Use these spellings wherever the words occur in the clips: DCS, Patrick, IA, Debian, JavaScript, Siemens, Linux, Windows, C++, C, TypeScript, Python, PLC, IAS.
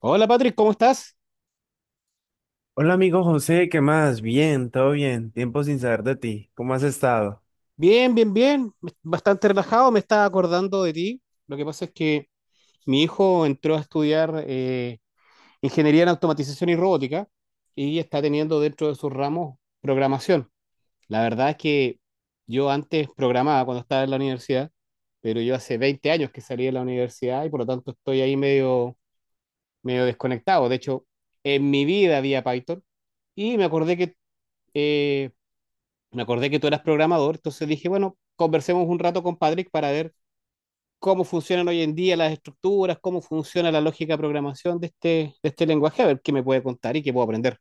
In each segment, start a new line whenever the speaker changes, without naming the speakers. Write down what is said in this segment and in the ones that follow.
Hola Patrick, ¿cómo estás?
Hola amigo José, ¿qué más? Bien, todo bien. Tiempo sin saber de ti. ¿Cómo has estado?
Bien. Bastante relajado, me estaba acordando de ti. Lo que pasa es que mi hijo entró a estudiar ingeniería en automatización y robótica y está teniendo dentro de sus ramos programación. La verdad es que yo antes programaba cuando estaba en la universidad, pero yo hace 20 años que salí de la universidad y por lo tanto estoy ahí medio desconectado. De hecho, en mi vida había Python y eh, me acordé que tú eras programador, entonces dije, bueno, conversemos un rato con Patrick para ver cómo funcionan hoy en día las estructuras, cómo funciona la lógica de programación de este lenguaje, a ver qué me puede contar y qué puedo aprender.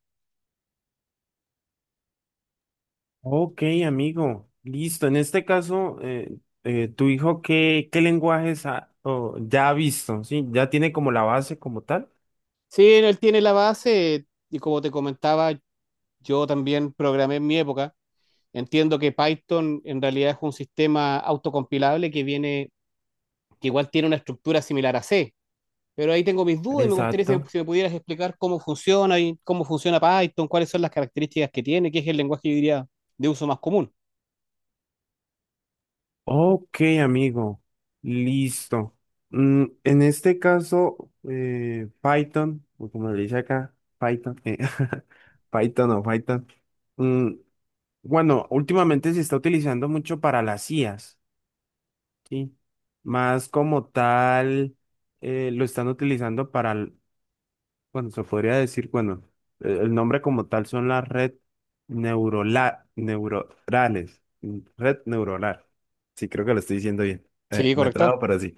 Ok, amigo. Listo. En este caso, ¿tu hijo qué, o ya ha visto? ¿Sí? ¿Ya tiene como la base como tal?
Sí, él tiene la base y como te comentaba, yo también programé en mi época. Entiendo que Python en realidad es un sistema autocompilable que igual tiene una estructura similar a C. Pero ahí tengo mis dudas y me gustaría
Exacto.
si me pudieras explicar cómo funciona y cómo funciona Python, cuáles son las características que tiene, qué es el lenguaje, yo diría, de uso más común.
Ok, amigo. Listo. En este caso, Python, o como le dice acá, Python, Python o Python. mm, Bueno, últimamente se está utilizando mucho para las IAs, ¿sí? Más como tal, lo están utilizando bueno, se podría decir, bueno, el nombre como tal son las neuronales, mm, red neuronal. Sí, creo que lo estoy diciendo bien.
Sí,
Me trago,
correcto.
pero sí.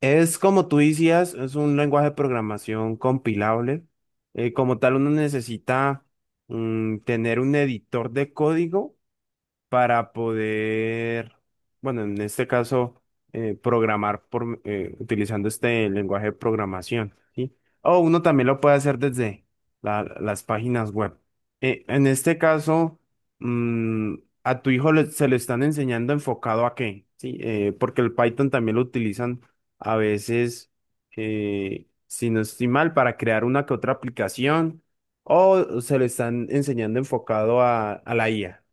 Es como tú decías, es un lenguaje de programación compilable. Como tal, uno necesita, tener un editor de código para poder, bueno, en este caso, programar utilizando este lenguaje de programación, ¿sí? O uno también lo puede hacer desde las páginas web. En este caso, mm, a se le están enseñando enfocado a qué, ¿sí? Porque el Python también lo utilizan a veces, si no estoy mal, para crear una que otra aplicación, o se le están enseñando enfocado a la IA.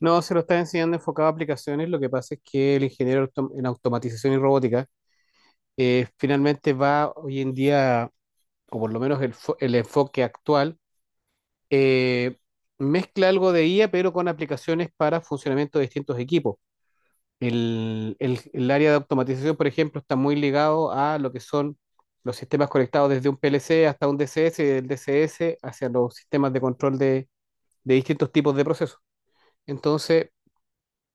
No, se lo está enseñando enfocado a aplicaciones. Lo que pasa es que el en automatización y robótica finalmente va hoy en día, o por lo menos el enfoque actual, eh, mezcla algo de IA, pero con aplicaciones para funcionamiento de distintos equipos. El área de automatización, por ejemplo, está muy ligado a lo que son los sistemas conectados desde un PLC hasta un DCS y del DCS hacia los sistemas de control de distintos tipos de procesos. Entonces,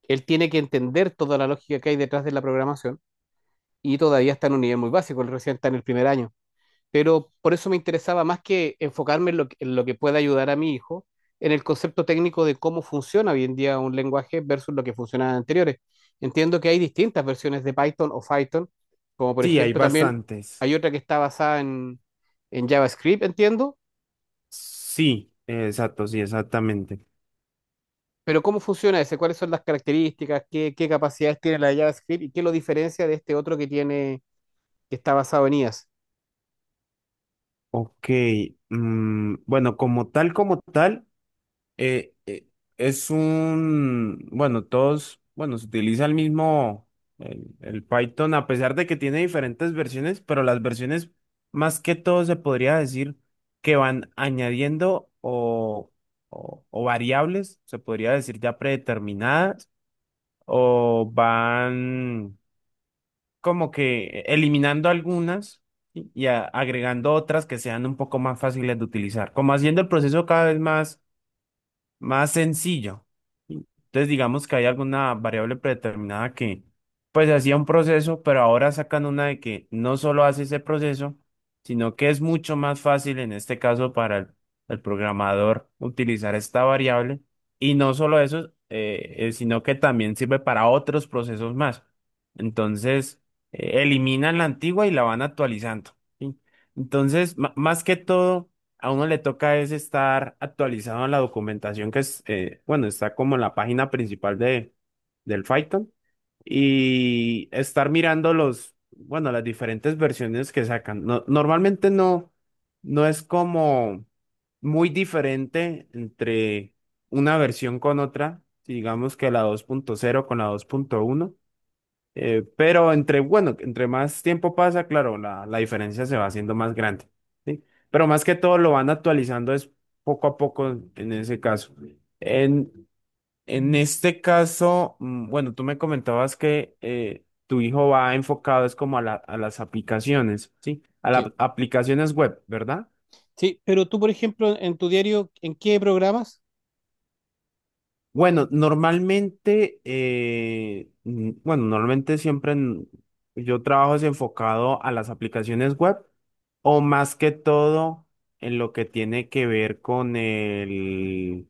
él tiene que entender toda la lógica que hay detrás de la programación y todavía está en un nivel muy básico, él recién está en el primer año, pero por eso me interesaba más que enfocarme en en lo que pueda ayudar a mi hijo, en el concepto técnico de cómo funciona hoy en día un lenguaje versus lo que funcionaba anteriores. Entiendo que hay distintas versiones de Python o Python, como por
Sí, hay
ejemplo también
bastantes.
hay otra que está basada en JavaScript, entiendo,
Sí, exacto, sí, exactamente.
pero ¿cómo funciona ese? ¿Cuáles son las características? ¿ Qué capacidades tiene la de JavaScript y qué lo diferencia de este otro que tiene, que está basado en IAS?
Ok, bueno, como tal, eh, eh, es un, bueno, todos, bueno, se utiliza el mismo, el Python, a pesar de que tiene diferentes versiones, pero las versiones, más que todo, se podría decir que van añadiendo o variables, se podría decir ya predeterminadas, o van como que eliminando algunas y agregando otras que sean un poco más fáciles de utilizar, como haciendo el proceso cada vez más sencillo. Entonces, digamos que hay alguna variable predeterminada que, pues, hacía un proceso, pero ahora sacan una de que no solo hace ese proceso, sino que es mucho más fácil en este caso para el programador utilizar esta variable. Y no solo eso, sino que también sirve para otros procesos más. Entonces, eliminan la antigua y la van actualizando, ¿sí? Entonces, más que todo a uno le toca es estar actualizado en la documentación que es, bueno, está como en la página principal del Python, y estar mirando los, bueno, las diferentes versiones que sacan. Normalmente no es como muy diferente entre una versión con otra, digamos que la dos punto cero con la dos punto uno. Pero entre, bueno, entre más tiempo pasa, claro, la diferencia se va haciendo más grande, ¿sí? Pero más que todo lo van actualizando es poco a poco en ese caso. En, en este caso, bueno, tú me comentabas que tu hijo va enfocado es como a a las aplicaciones, ¿sí? A las
Sí.
aplicaciones web, ¿verdad?
Sí, pero tú, por ejemplo, en tu diario, ¿en qué programas?
Bueno, normalmente, bueno, yo trabajo es enfocado a las aplicaciones web, o más que todo en lo que tiene que ver con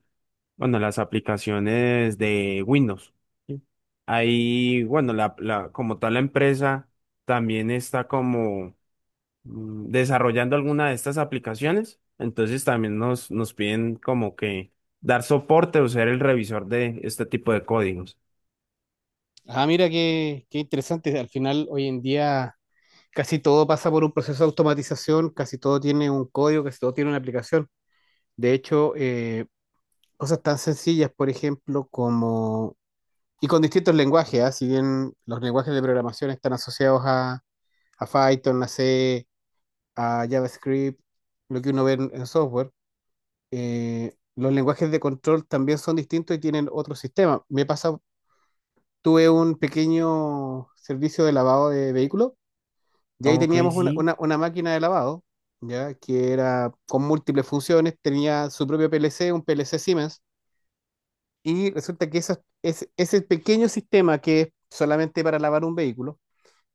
bueno, las aplicaciones de Windows, ¿sí? Ahí, bueno, como tal la empresa también está como, desarrollando alguna de estas aplicaciones. Entonces también nos piden como que dar soporte o ser el revisor de este tipo de códigos.
Ah, mira qué interesante. Al final, hoy en día, casi todo pasa por un proceso de automatización, casi todo tiene un código, casi todo tiene una aplicación. De hecho, cosas tan sencillas, por ejemplo, como... Y con distintos lenguajes, ¿ah? Si bien los lenguajes de programación están asociados a Python, a C, a JavaScript, lo que uno ve en software, los lenguajes de control también son distintos y tienen otro sistema. Me pasa, tuve un pequeño servicio de lavado de vehículos. Y ahí
Ok,
teníamos
sí.
una máquina de lavado, ¿ya? Que era con múltiples funciones, tenía su propio PLC, un PLC Siemens, y resulta que ese pequeño sistema que es solamente para lavar un vehículo,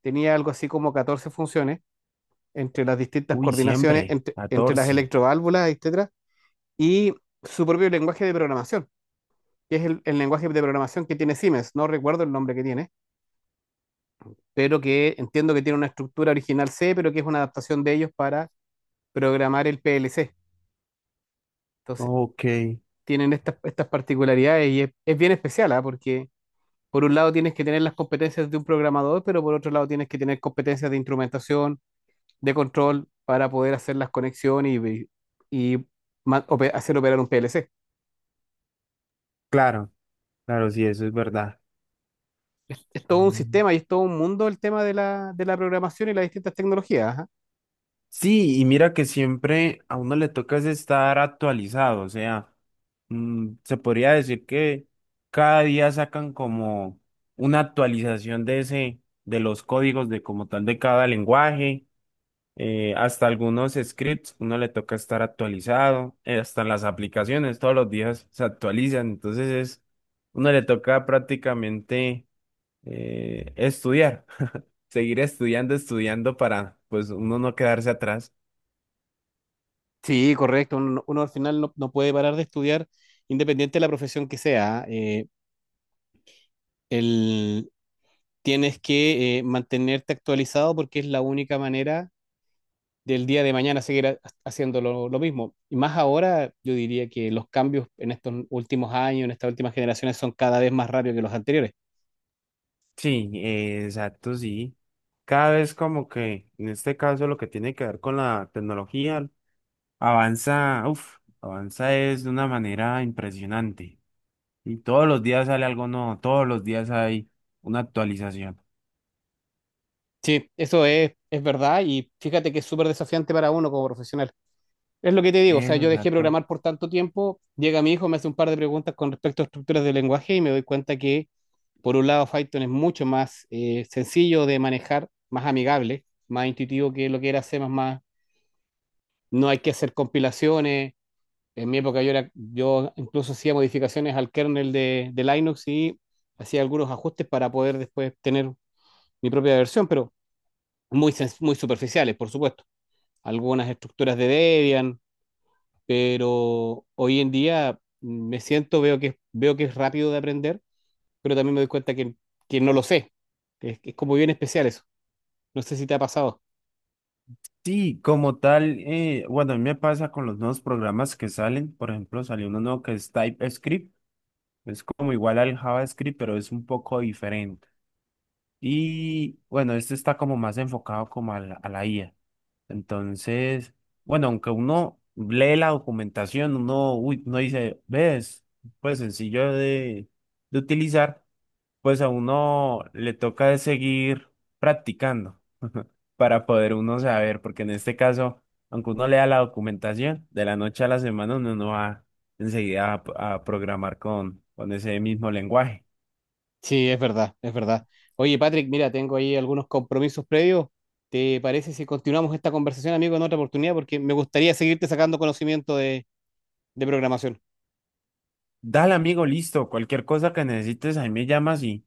tenía algo así como 14 funciones entre las distintas
Uy,
coordinaciones,
siempre.
entre las
14.
electroválvulas, etcétera, y su propio lenguaje de programación, que es el lenguaje de programación que tiene Siemens, no recuerdo el nombre que tiene, pero que entiendo que tiene una estructura original C, pero que es una adaptación de ellos para programar el PLC. Entonces
Ok.
tienen estas particularidades y es bien especial, ¿ah? Porque por un lado tienes que tener las competencias de un programador, pero por otro lado tienes que tener competencias de instrumentación, de control, para poder hacer las conexiones y hacer operar un PLC.
Claro, claro, sí, eso es verdad.
Es todo un
Mm.
sistema y es todo un mundo el tema de de la programación y las distintas tecnologías. Ajá.
Sí, y mira que siempre a uno le toca es estar actualizado, o sea, se podría decir que cada día sacan como una actualización de ese, de los códigos de como tal de cada lenguaje. Hasta algunos scripts, uno le toca estar actualizado, hasta las aplicaciones todos los días se actualizan, entonces es, uno le toca prácticamente estudiar, seguir estudiando, estudiando para pues uno no quedarse atrás.
Sí, correcto. Uno al final no puede parar de estudiar, independiente de la profesión que sea. ¿Ah? El, tienes que mantenerte actualizado porque es la única manera del día de mañana haciendo lo mismo. Y más ahora, yo diría que los cambios en estos últimos años, en estas últimas generaciones, son cada vez más rápidos que los anteriores.
Sí, exacto, sí. Cada vez como que en este caso lo que tiene que ver con la tecnología avanza, uff, avanza es de una manera impresionante. Y todos los días sale algo nuevo, todos los días hay una actualización.
Sí, es verdad y fíjate que es súper desafiante para uno como profesional. Es lo que te digo, o sea, yo dejé
Exacto.
programar por tanto tiempo, llega mi hijo, me hace un par de preguntas con respecto a estructuras de lenguaje y me doy cuenta que, por un lado, Python es mucho más sencillo de manejar, más amigable, más intuitivo que lo que era C++. No hay que hacer compilaciones. En mi época yo incluso hacía modificaciones al kernel de Linux y hacía algunos ajustes para poder después tener mi propia versión, pero muy superficiales, por supuesto. Algunas estructuras de Debian, pero hoy en día me siento, veo que es rápido de aprender, pero también me doy cuenta que no lo sé. Es como bien especial eso. No sé si te ha pasado.
Sí, como tal, bueno, a mí me pasa con los nuevos programas que salen. Por ejemplo, salió uno nuevo que es TypeScript. Es como igual al JavaScript, pero es un poco diferente. Y bueno, este está como más enfocado como a a la IA. Entonces, bueno, aunque uno lee la documentación, uno, uy, uno dice, ves, pues sencillo de utilizar. Pues a uno le toca es seguir practicando para poder uno saber, porque en este caso, aunque uno lea la documentación, de la noche a la semana uno no va enseguida a programar con ese mismo lenguaje.
Sí, es verdad. Oye, Patrick, mira, tengo ahí algunos compromisos previos. ¿Te parece si continuamos esta conversación, amigo, en otra oportunidad? Porque me gustaría seguirte sacando conocimiento de programación.
Dale, amigo, listo. Cualquier cosa que necesites, ahí me llamas y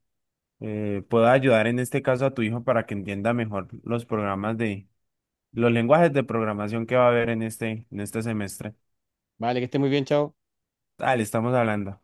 puedo ayudar en este caso a tu hijo para que entienda mejor los programas de, los lenguajes de programación que va a haber en en este semestre.
Vale, que estés muy bien, chao.
Dale, estamos hablando.